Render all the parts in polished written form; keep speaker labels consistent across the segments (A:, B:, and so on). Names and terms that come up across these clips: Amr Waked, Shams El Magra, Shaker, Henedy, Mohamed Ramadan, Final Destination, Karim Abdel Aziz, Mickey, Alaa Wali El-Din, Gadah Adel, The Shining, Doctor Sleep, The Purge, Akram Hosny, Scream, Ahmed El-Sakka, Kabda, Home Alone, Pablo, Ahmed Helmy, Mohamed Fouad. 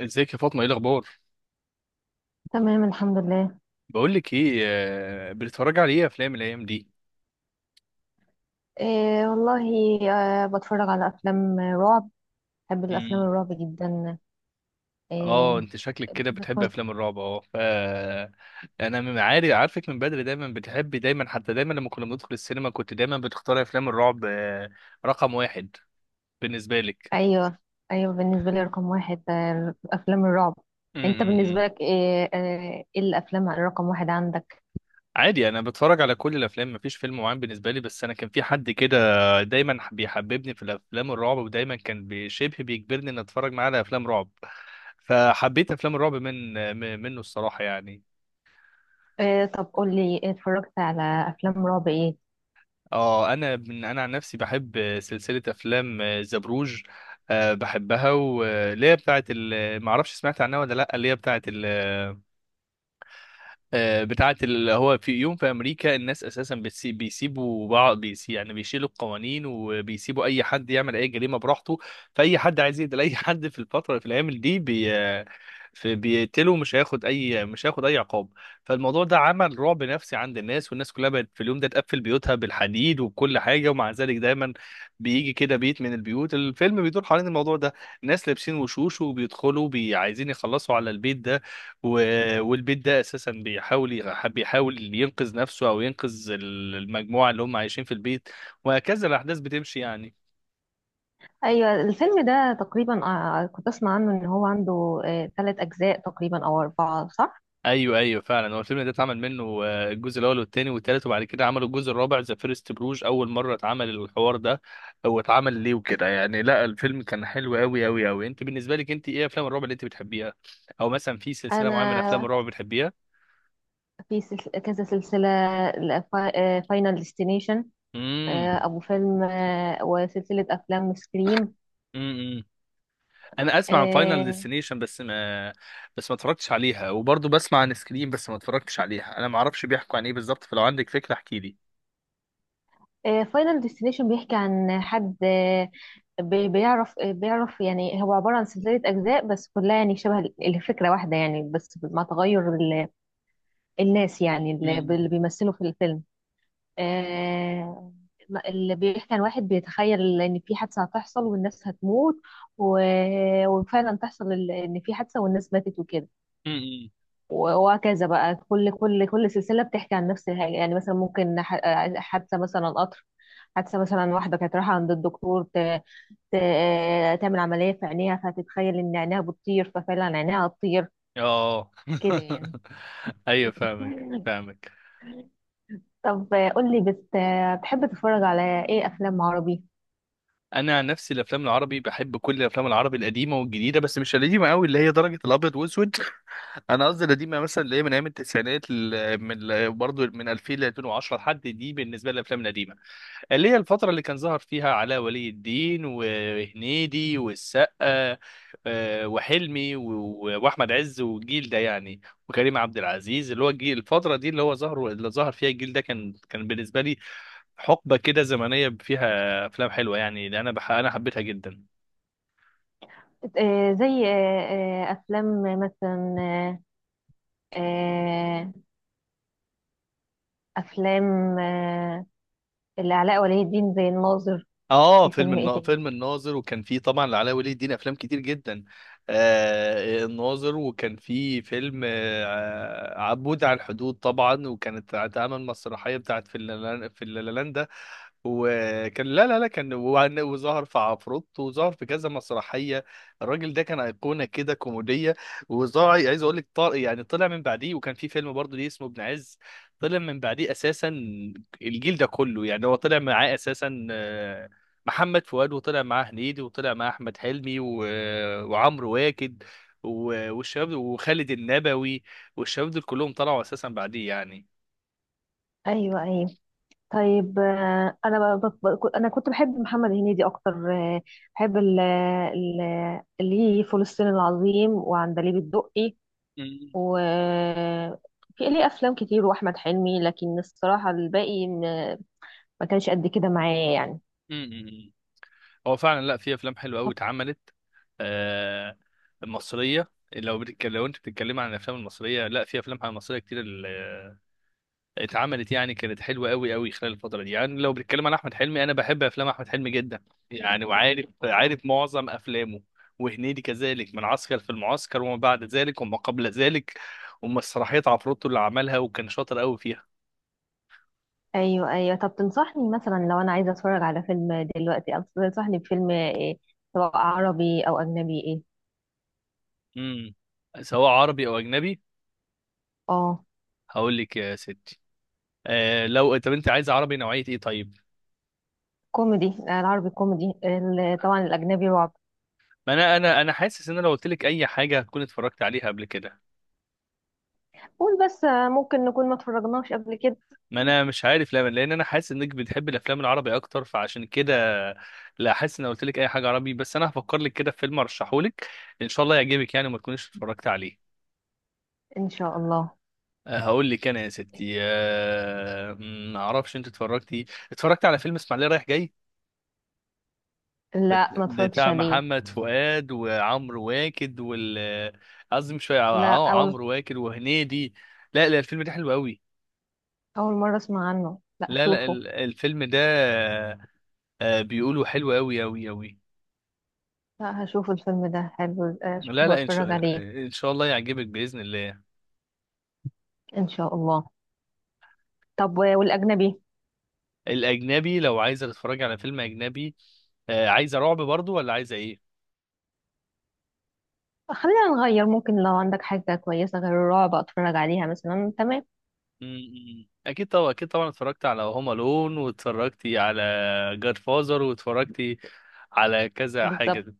A: ازيك يا فاطمه؟ ايه الاخبار؟
B: تمام، الحمد لله.
A: بقول لك ايه. بتتفرج على ايه افلام الايام دي؟
B: إيه والله. آه، بتفرج على افلام رعب. بحب الافلام
A: امم.
B: الرعب جدا.
A: اه
B: إيه.
A: انت شكلك كده
B: بحب
A: بتحب
B: اتفرج.
A: افلام الرعب. اه ف انا من عارف عارفك من بدري، دايما بتحبي، دايما حتى دايما لما كنا بندخل السينما كنت دايما بتختاري افلام الرعب، رقم واحد بالنسبه لك.
B: ايوه ايوه، بالنسبه لي رقم واحد افلام الرعب. انت بالنسبه
A: امم.
B: لك ايه؟ ايه الافلام رقم واحد عندك؟
A: عادي، انا بتفرج على كل الافلام، مفيش فيلم معين بالنسبه لي، بس انا كان في حد كده دايما بيحببني في الافلام الرعب، ودايما كان بشبه بيجبرني ان اتفرج معاه على افلام رعب، فحبيت افلام الرعب منه الصراحه يعني.
B: إيه، طب قول لي إيه اتفرجت على افلام رعب ايه؟
A: اه، انا عن نفسي بحب سلسله افلام زبروج، بحبها، واللي هي ما اعرفش سمعت عنها ولا لا، اللي هي بتاعه اللي هو في يوم في امريكا الناس اساسا بيسيبوا بعض، يعني بيشيلوا القوانين وبيسيبوا اي حد يعمل اي جريمه براحته. فاي حد عايز يقتل اي حد في الفتره، في الايام دي بي في بيقتله، مش هياخد اي، مش هياخد اي عقاب. فالموضوع ده عمل رعب نفسي عند الناس، والناس كلها بقت في اليوم ده تقفل بيوتها بالحديد وبكل حاجه، ومع ذلك دايما بيجي كده بيت من البيوت، الفيلم بيدور حوالين الموضوع ده. ناس لابسين وشوش وبيدخلوا عايزين يخلصوا على البيت ده، والبيت ده اساسا بيحاول ينقذ نفسه او ينقذ المجموعه اللي هم عايشين في البيت، وهكذا الاحداث بتمشي يعني.
B: ايوه، الفيلم ده تقريبا كنت اسمع عنه ان هو عنده ثلاث اجزاء تقريبا او اربعه، صح؟
A: ايوه ايوه فعلا، هو الفيلم ده اتعمل منه الجزء الاول والثاني والثالث، وبعد كده عملوا الجزء الرابع ذا فيرست بروج. اول مره اتعمل الحوار ده هو اتعمل ليه وكده يعني، لا الفيلم كان حلو قوي قوي قوي. انت بالنسبه لك، انت ايه افلام الرعب اللي انت بتحبيها؟ او مثلا في سلسله معينه من افلام
B: انا
A: الرعب بتحبيها؟
B: في كذا سلسلة، ل- فا- فاينل ديستنيشن، أبو فيلم، وسلسلة أفلام سكريم.
A: امم. انا اسمع عن فاينل
B: آه،
A: ديستنيشن بس ما اتفرجتش عليها، وبرضه بسمع عن سكريم بس ما اتفرجتش عليها، انا ما اعرفش بيحكوا عن ايه بالظبط، فلو عندك فكرة احكي لي.
B: فاينل ديستنيشن بيحكي عن حد، آه، بيعرف يعني، هو عبارة عن سلسلة أجزاء بس كلها يعني شبه الفكرة واحدة، يعني بس مع تغير الناس، يعني اللي
A: م-
B: اللي بيمثلوا في الفيلم. آه، اللي بيحكي عن واحد بيتخيل ان في حادثه هتحصل والناس هتموت، و... وفعلا تحصل ان في حادثه والناس ماتت وكده.
A: م- م.
B: وهكذا بقى كل سلسله بتحكي عن نفس الحاجه، يعني مثلا ممكن حادثه مثلا قطر، حادثه مثلا واحده كانت رايحه عند الدكتور ت... تعمل عمليه في عينيها، فتتخيل ان عينيها بتطير، ففعلا عينيها هتطير،
A: اه.
B: كده يعني.
A: ايوه فاهمك فاهمك.
B: طب قول لي بتحب تتفرج على ايه افلام عربي؟
A: انا عن نفسي الافلام العربي، بحب كل الافلام العربي القديمه والجديده، بس مش القديمه قوي اللي هي درجه الابيض واسود. انا قصدي القديمه مثلا اللي هي من ايام التسعينات، من برضه من 2000 ل 2010 لحد دي بالنسبه للافلام القديمه، اللي هي الفترة اللي كان ظهر فيها علاء ولي الدين وهنيدي والسقا، وحلمي وأحمد عز والجيل ده يعني، وكريم عبد العزيز. اللي هو الجيل الفترة دي اللي هو ظهر، اللي ظهر فيها الجيل ده، كان بالنسبة لي حقبة كده زمنية فيها أفلام حلوة، يعني اللي أنا حبيتها جدا.
B: زي افلام مثلا آه، افلام آه، لعلاء ولي الدين زي الناظر.
A: اه
B: في فيلم ايه تاني؟
A: فيلم الناظر، وكان فيه طبعا لعلاء ولي الدين افلام كتير جدا، آه الناظر، وكان فيه فيلم آه عبود على الحدود طبعا، وكانت اتعمل مسرحيه بتاعت في اللالاندا، وكان لا لا لا كان وعن- وظهر في عفروت، وظهر في كذا مسرحيه. الراجل ده كان ايقونه كده كوميديه، وظهر، عايز اقول لك طار يعني، طلع من بعديه، وكان في فيلم برضه ليه اسمه ابن عز. طلع من بعديه اساسا الجيل ده كله يعني، هو طلع معاه اساسا محمد فؤاد، وطلع معاه هنيدي، وطلع معاه احمد حلمي، وعمرو واكد، و... وخالد النبوي، والشباب دول كلهم طلعوا اساسا بعديه يعني.
B: ايوه ايوه. طيب انا ب- ب- ب- انا كنت بحب محمد هنيدي اكتر، آه، بحب ليه فول الصين العظيم وعندليب الدقي،
A: مم.
B: وفي ليه افلام كتير واحمد حلمي، لكن الصراحه الباقي ما كانش قد كده معايا يعني.
A: مم. مم. هو فعلا لا، في افلام حلوه قوي اتعملت، آه مصريه. لو بتتكلم، لو انت بتتكلم عن الافلام المصريه، لا في افلام مصريه كتير اتعملت يعني، كانت حلوه قوي قوي خلال الفتره دي. يعني لو بنتكلم عن احمد حلمي، انا بحب افلام احمد حلمي جدا يعني، وعارف معظم افلامه. وهنيدي كذلك، من عسكر في المعسكر وما بعد ذلك وما قبل ذلك، ومسرحيات عفروتو اللي عملها، وكان شاطر قوي فيها.
B: ايوه ايوه. طب تنصحني مثلا لو انا عايزه اتفرج على فيلم دلوقتي، أو تنصحني بفيلم ايه، سواء عربي او اجنبي، ايه؟
A: امم. سواء عربي او اجنبي.
B: اه،
A: هقول لك يا ستي، آه لو، طب انت عايز عربي نوعيه ايه طيب؟
B: كوميدي، العربي كوميدي، طبعا الاجنبي رعب.
A: ما انا حاسس ان أنا لو قلت لك اي حاجه هتكون اتفرجت عليها قبل كده،
B: قول بس، ممكن نكون ما اتفرجناش قبل كده.
A: ما انا مش عارف ليه، لان انا حاسس انك بتحب الافلام العربي اكتر فعشان كده، لا، حاسس ان قلت لك اي حاجه عربي، بس انا هفكر لك كده في فيلم ارشحه لك ان شاء الله يعجبك يعني وما تكونيش اتفرجت عليه.
B: ان شاء الله.
A: هقول لك انا يا ستي، ما اعرفش انت اتفرجتي، اتفرجت على فيلم اسماعيليه رايح جاي،
B: لا، ما اتفرجتش
A: بتاع
B: عليه.
A: محمد فؤاد وعمرو واكد وال، قصدي مش فاهم،
B: لا
A: اه عمرو واكد وهنيدي. لا لا الفيلم ده حلو قوي،
B: اول مره اسمع عنه، لا،
A: لا لا
B: اشوفه.
A: الفيلم ده، بيقولوا حلو قوي قوي قوي.
B: لا، هشوف الفيلم ده حلو،
A: لا
B: اشوفه
A: لا ان
B: واتفرج
A: شاء
B: عليه
A: ان شاء الله يعجبك باذن الله.
B: ان شاء الله. طب والاجنبي؟
A: الاجنبي لو عايزه تتفرجي على فيلم اجنبي، عايزه رعب برضو ولا عايزه ايه؟
B: خلينا نغير، ممكن لو عندك حاجه كويسه غير الرعب اتفرج عليها مثلا، تمام.
A: أمم. اكيد طبعا، اكيد طبعا اتفرجت على هوم الون، واتفرجتي على جاد فازر، واتفرجتي على كذا
B: بالظبط.
A: حاجه.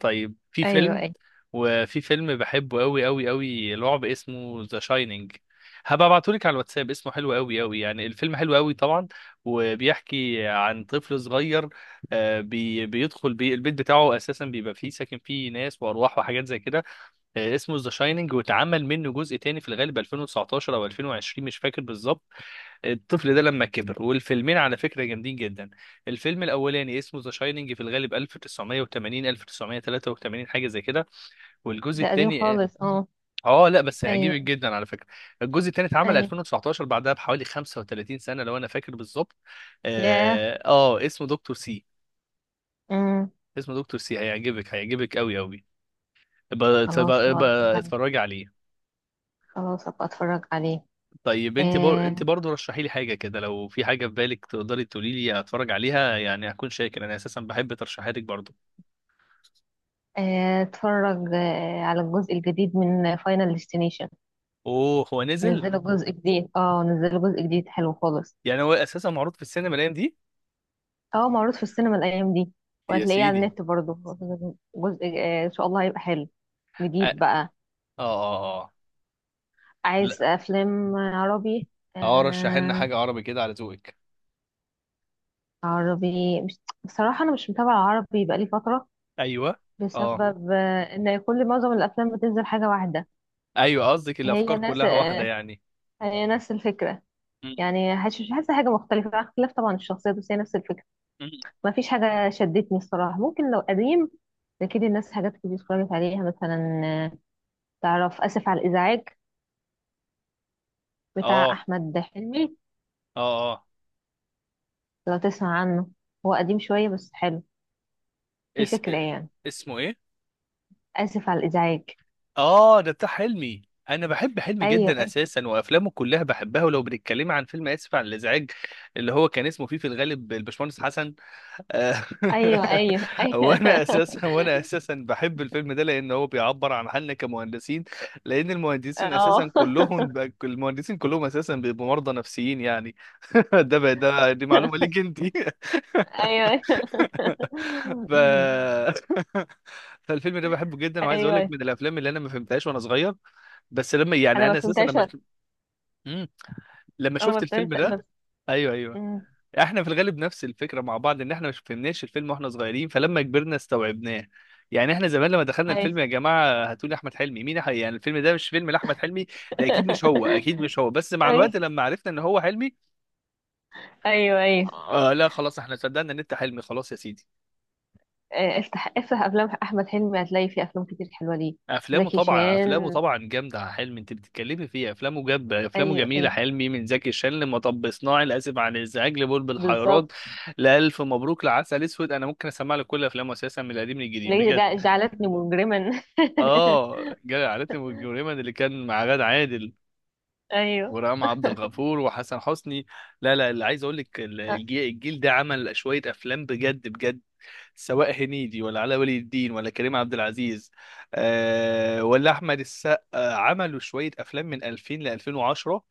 A: طيب في
B: ايوه
A: فيلم،
B: ايوه.
A: وفي فيلم بحبه قوي قوي قوي لعب، اسمه ذا شاينينج، هبقى ابعتهولك على الواتساب، اسمه حلو قوي قوي يعني، الفيلم حلو قوي طبعا. وبيحكي عن طفل صغير، آه، بي بيدخل بي البيت بتاعه اساسا بيبقى فيه ساكن فيه ناس وارواح وحاجات زي كده. اسمه ذا شايننج، واتعمل منه جزء تاني في الغالب 2019 او 2020 مش فاكر بالظبط، الطفل ده لما كبر. والفيلمين على فكره جامدين جدا. الفيلم الاولاني اسمه ذا شايننج في الغالب 1980 1983 حاجه زي كده، والجزء
B: ده قديم
A: التاني اه،
B: خالص؟ اه.
A: لا بس هيعجبك
B: ايوه
A: جدا على فكره. الجزء التاني اتعمل
B: ايوه.
A: 2019، بعدها بحوالي 35 سنه لو انا فاكر بالظبط.
B: ياه.
A: اه اسمه دكتور سي،
B: امم
A: اسمه دكتور سي، هيعجبك هيعجبك قوي قوي.
B: خلاص أبقى أتفرج عليه.
A: اتفرجي عليه.
B: خلاص ابقى اتفرج عليه.
A: طيب انت انت
B: آه،
A: برضه رشحي لي حاجه كده، لو في حاجه في بالك تقدري تقولي لي اتفرج عليها يعني هكون شاكر، انا اساسا بحب ترشيحاتك برضه.
B: اتفرج على الجزء الجديد من فاينل ديستنيشن.
A: اوه هو نزل؟
B: نزلوا جزء جديد، اه، نزلوا جزء جديد حلو خالص.
A: يعني هو اساسا معروض في السينما الايام دي.
B: اه، معروض في السينما الايام دي،
A: يا
B: وهتلاقيه على
A: سيدي.
B: النت برضه. جزء ان شاء الله هيبقى حلو،
A: اه اه
B: جديد بقى.
A: اه اه.
B: عايز
A: لا.
B: افلام عربي؟
A: اه رشحي لنا
B: آه
A: حاجه عربي كده على ذوقك.
B: عربي، مش... بصراحة انا مش متابعة عربي بقالي فترة،
A: ايوه. اه
B: بسبب ان معظم الافلام بتنزل حاجه واحده.
A: ايوه قصدك
B: هي
A: الافكار
B: نفس
A: كلها واحده
B: آه،
A: يعني.
B: هي نفس الفكره.
A: م-
B: يعني حاسه، مش حاسه حاجه مختلفه، مع اختلاف طبعا الشخصيات، بس هي نفس الفكره.
A: م-
B: ما فيش حاجه شدتني الصراحه، ممكن لو قديم اكيد، الناس حاجات كتير اتفرجت عليها مثلا، تعرف اسف على الازعاج بتاع
A: اه
B: احمد حلمي،
A: اه اه.
B: لو تسمع عنه، هو قديم شويه بس حلو، في
A: اس...
B: فكره يعني.
A: اسمه ايه؟
B: اسف على الازعاج.
A: اه ده بتاع حلمي، انا بحب حلمي
B: ايوه
A: جدا اساسا، وافلامه كلها بحبها. ولو بنتكلم عن فيلم اسف على الازعاج، اللي هو كان اسمه فيه في الغالب الباشمهندس حسن، آه،
B: ايوه ايوه ايوه،
A: وانا
B: أيوة.
A: اساسا وانا اساسا بحب الفيلم ده لان هو بيعبر عن حالنا كمهندسين، لان المهندسين اساسا
B: اه.
A: المهندسين كلهم اساسا بيبقوا مرضى نفسيين يعني. ده بقى، ده دي معلومه ليك انت.
B: ايوه.
A: ف... فالفيلم ده بحبه جدا، وعايز اقول لك
B: ايوه.
A: من الافلام اللي انا ما فهمتهاش وانا صغير، بس لما يعني
B: انا ما
A: انا اساسا
B: فهمتهاش.
A: مم. لما
B: انا ما
A: شفت الفيلم
B: فهمتهاش
A: ده، ايوه ايوه،
B: مم.
A: احنا في الغالب نفس الفكره مع بعض، ان احنا مش فهمناش الفيلم واحنا صغيرين، فلما كبرنا استوعبناه يعني. احنا زمان لما دخلنا
B: ايوه.
A: الفيلم يا جماعه هاتوا لي احمد حلمي، يعني الفيلم ده مش فيلم لاحمد حلمي، ده اكيد مش هو اكيد مش هو، بس مع
B: ايوه
A: الوقت لما عرفنا ان هو حلمي،
B: ايوه ايوه.
A: آه لا خلاص احنا صدقنا ان انت حلمي خلاص يا سيدي.
B: افتح افتح افلام احمد حلمي هتلاقي فيه افلام كتير حلوه ليه.
A: افلامه
B: زكي
A: طبعا، افلامه
B: شان.
A: طبعا جامده يا حلمي، انت بتتكلمي فيه، افلامه جاب، افلامه
B: ايوه
A: جميله
B: ايوه،
A: حلمي، من زكي شان لمطب صناعي لاسف عن الازعاج لبلبل حيران
B: بالظبط.
A: لالف مبروك لعسل اسود، انا ممكن اسمع لك كل افلامه اساسا من القديم للجديد
B: ليه
A: بجد.
B: جعلتني مجرما.
A: اه جاي عائلتنا والجريمه اللي كان مع غادة عادل
B: ايوه.
A: ورام عبد الغفور وحسن حسني. لا لا اللي عايز اقول لك،
B: آه،
A: الجيل، الجيل ده عمل شويه افلام بجد بجد، سواء هنيدي ولا علاء ولي الدين ولا كريم عبد العزيز، آه ولا احمد السقا، عملوا شويه افلام من 2000 ل 2010،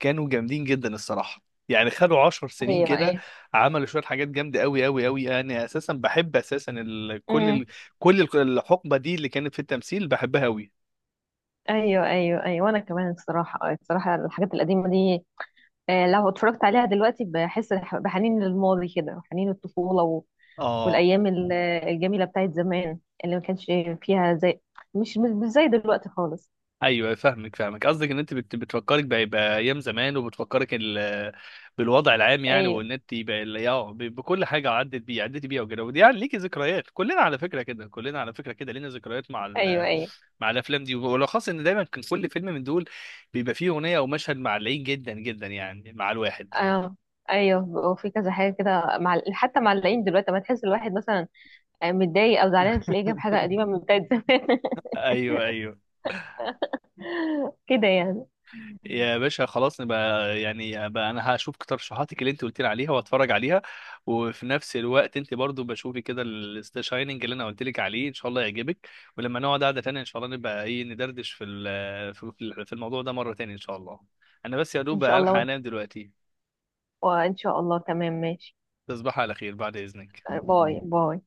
A: كانوا جامدين جدا الصراحه. يعني خدوا 10 سنين
B: ايوه
A: كده
B: ايوه.
A: عملوا شويه حاجات جامده قوي قوي قوي. انا اساسا بحب اساسا
B: مم.
A: كل الحقبه دي اللي كانت في التمثيل بحبها قوي.
B: ايوه ايوه ايوه. وانا كمان، الصراحه الصراحه الحاجات القديمه دي، لو اتفرجت عليها دلوقتي بحس بحنين للماضي، كده حنين الطفولة
A: اه
B: والأيام الجميلة بتاعت زمان، اللي ما كانش فيها زي... مش زي دلوقتي خالص.
A: ايوه فاهمك فاهمك، قصدك ان انت بتفكرك بايام زمان، وبتفكرك بالوضع العام يعني،
B: أيوه
A: وان انت يبقى بكل حاجه عدت بيه، عدت بيها وكده، ودي يعني ليكي ذكريات، كلنا على فكره كده، كلنا على فكره كده لينا ذكريات مع
B: أيوه أيوه.
A: مع الافلام دي، وبالاخص ان دايما كان كل فيلم من دول بيبقى فيه اغنيه او مشهد معلقين جدا جدا يعني مع الواحد.
B: آه أيوه. وفي كذا حاجة كده، مع حتى معلقين دلوقتي، ما تحس الواحد مثلا متضايق أو زعلان تلاقيه جاب حاجة قديمة من بتاعت زمان.
A: ايوه ايوه.
B: كده يعني.
A: يا باشا خلاص نبقى يعني بقى، انا هشوف ترشيحاتك اللي انت قلت لي عليها واتفرج عليها، وفي نفس الوقت انت برضو بشوفي كده الستا شايننج اللي انا قلت لك عليه ان شاء الله يعجبك، ولما نقعد قعده تانية ان شاء الله نبقى ايه ندردش في ال- في في- في الموضوع ده مره تانية ان شاء الله. انا بس يا
B: إن
A: دوب
B: شاء
A: الحق
B: الله.
A: انام دلوقتي.
B: وإن شاء الله، تمام، ماشي.
A: تصبح على خير بعد اذنك.
B: باي باي.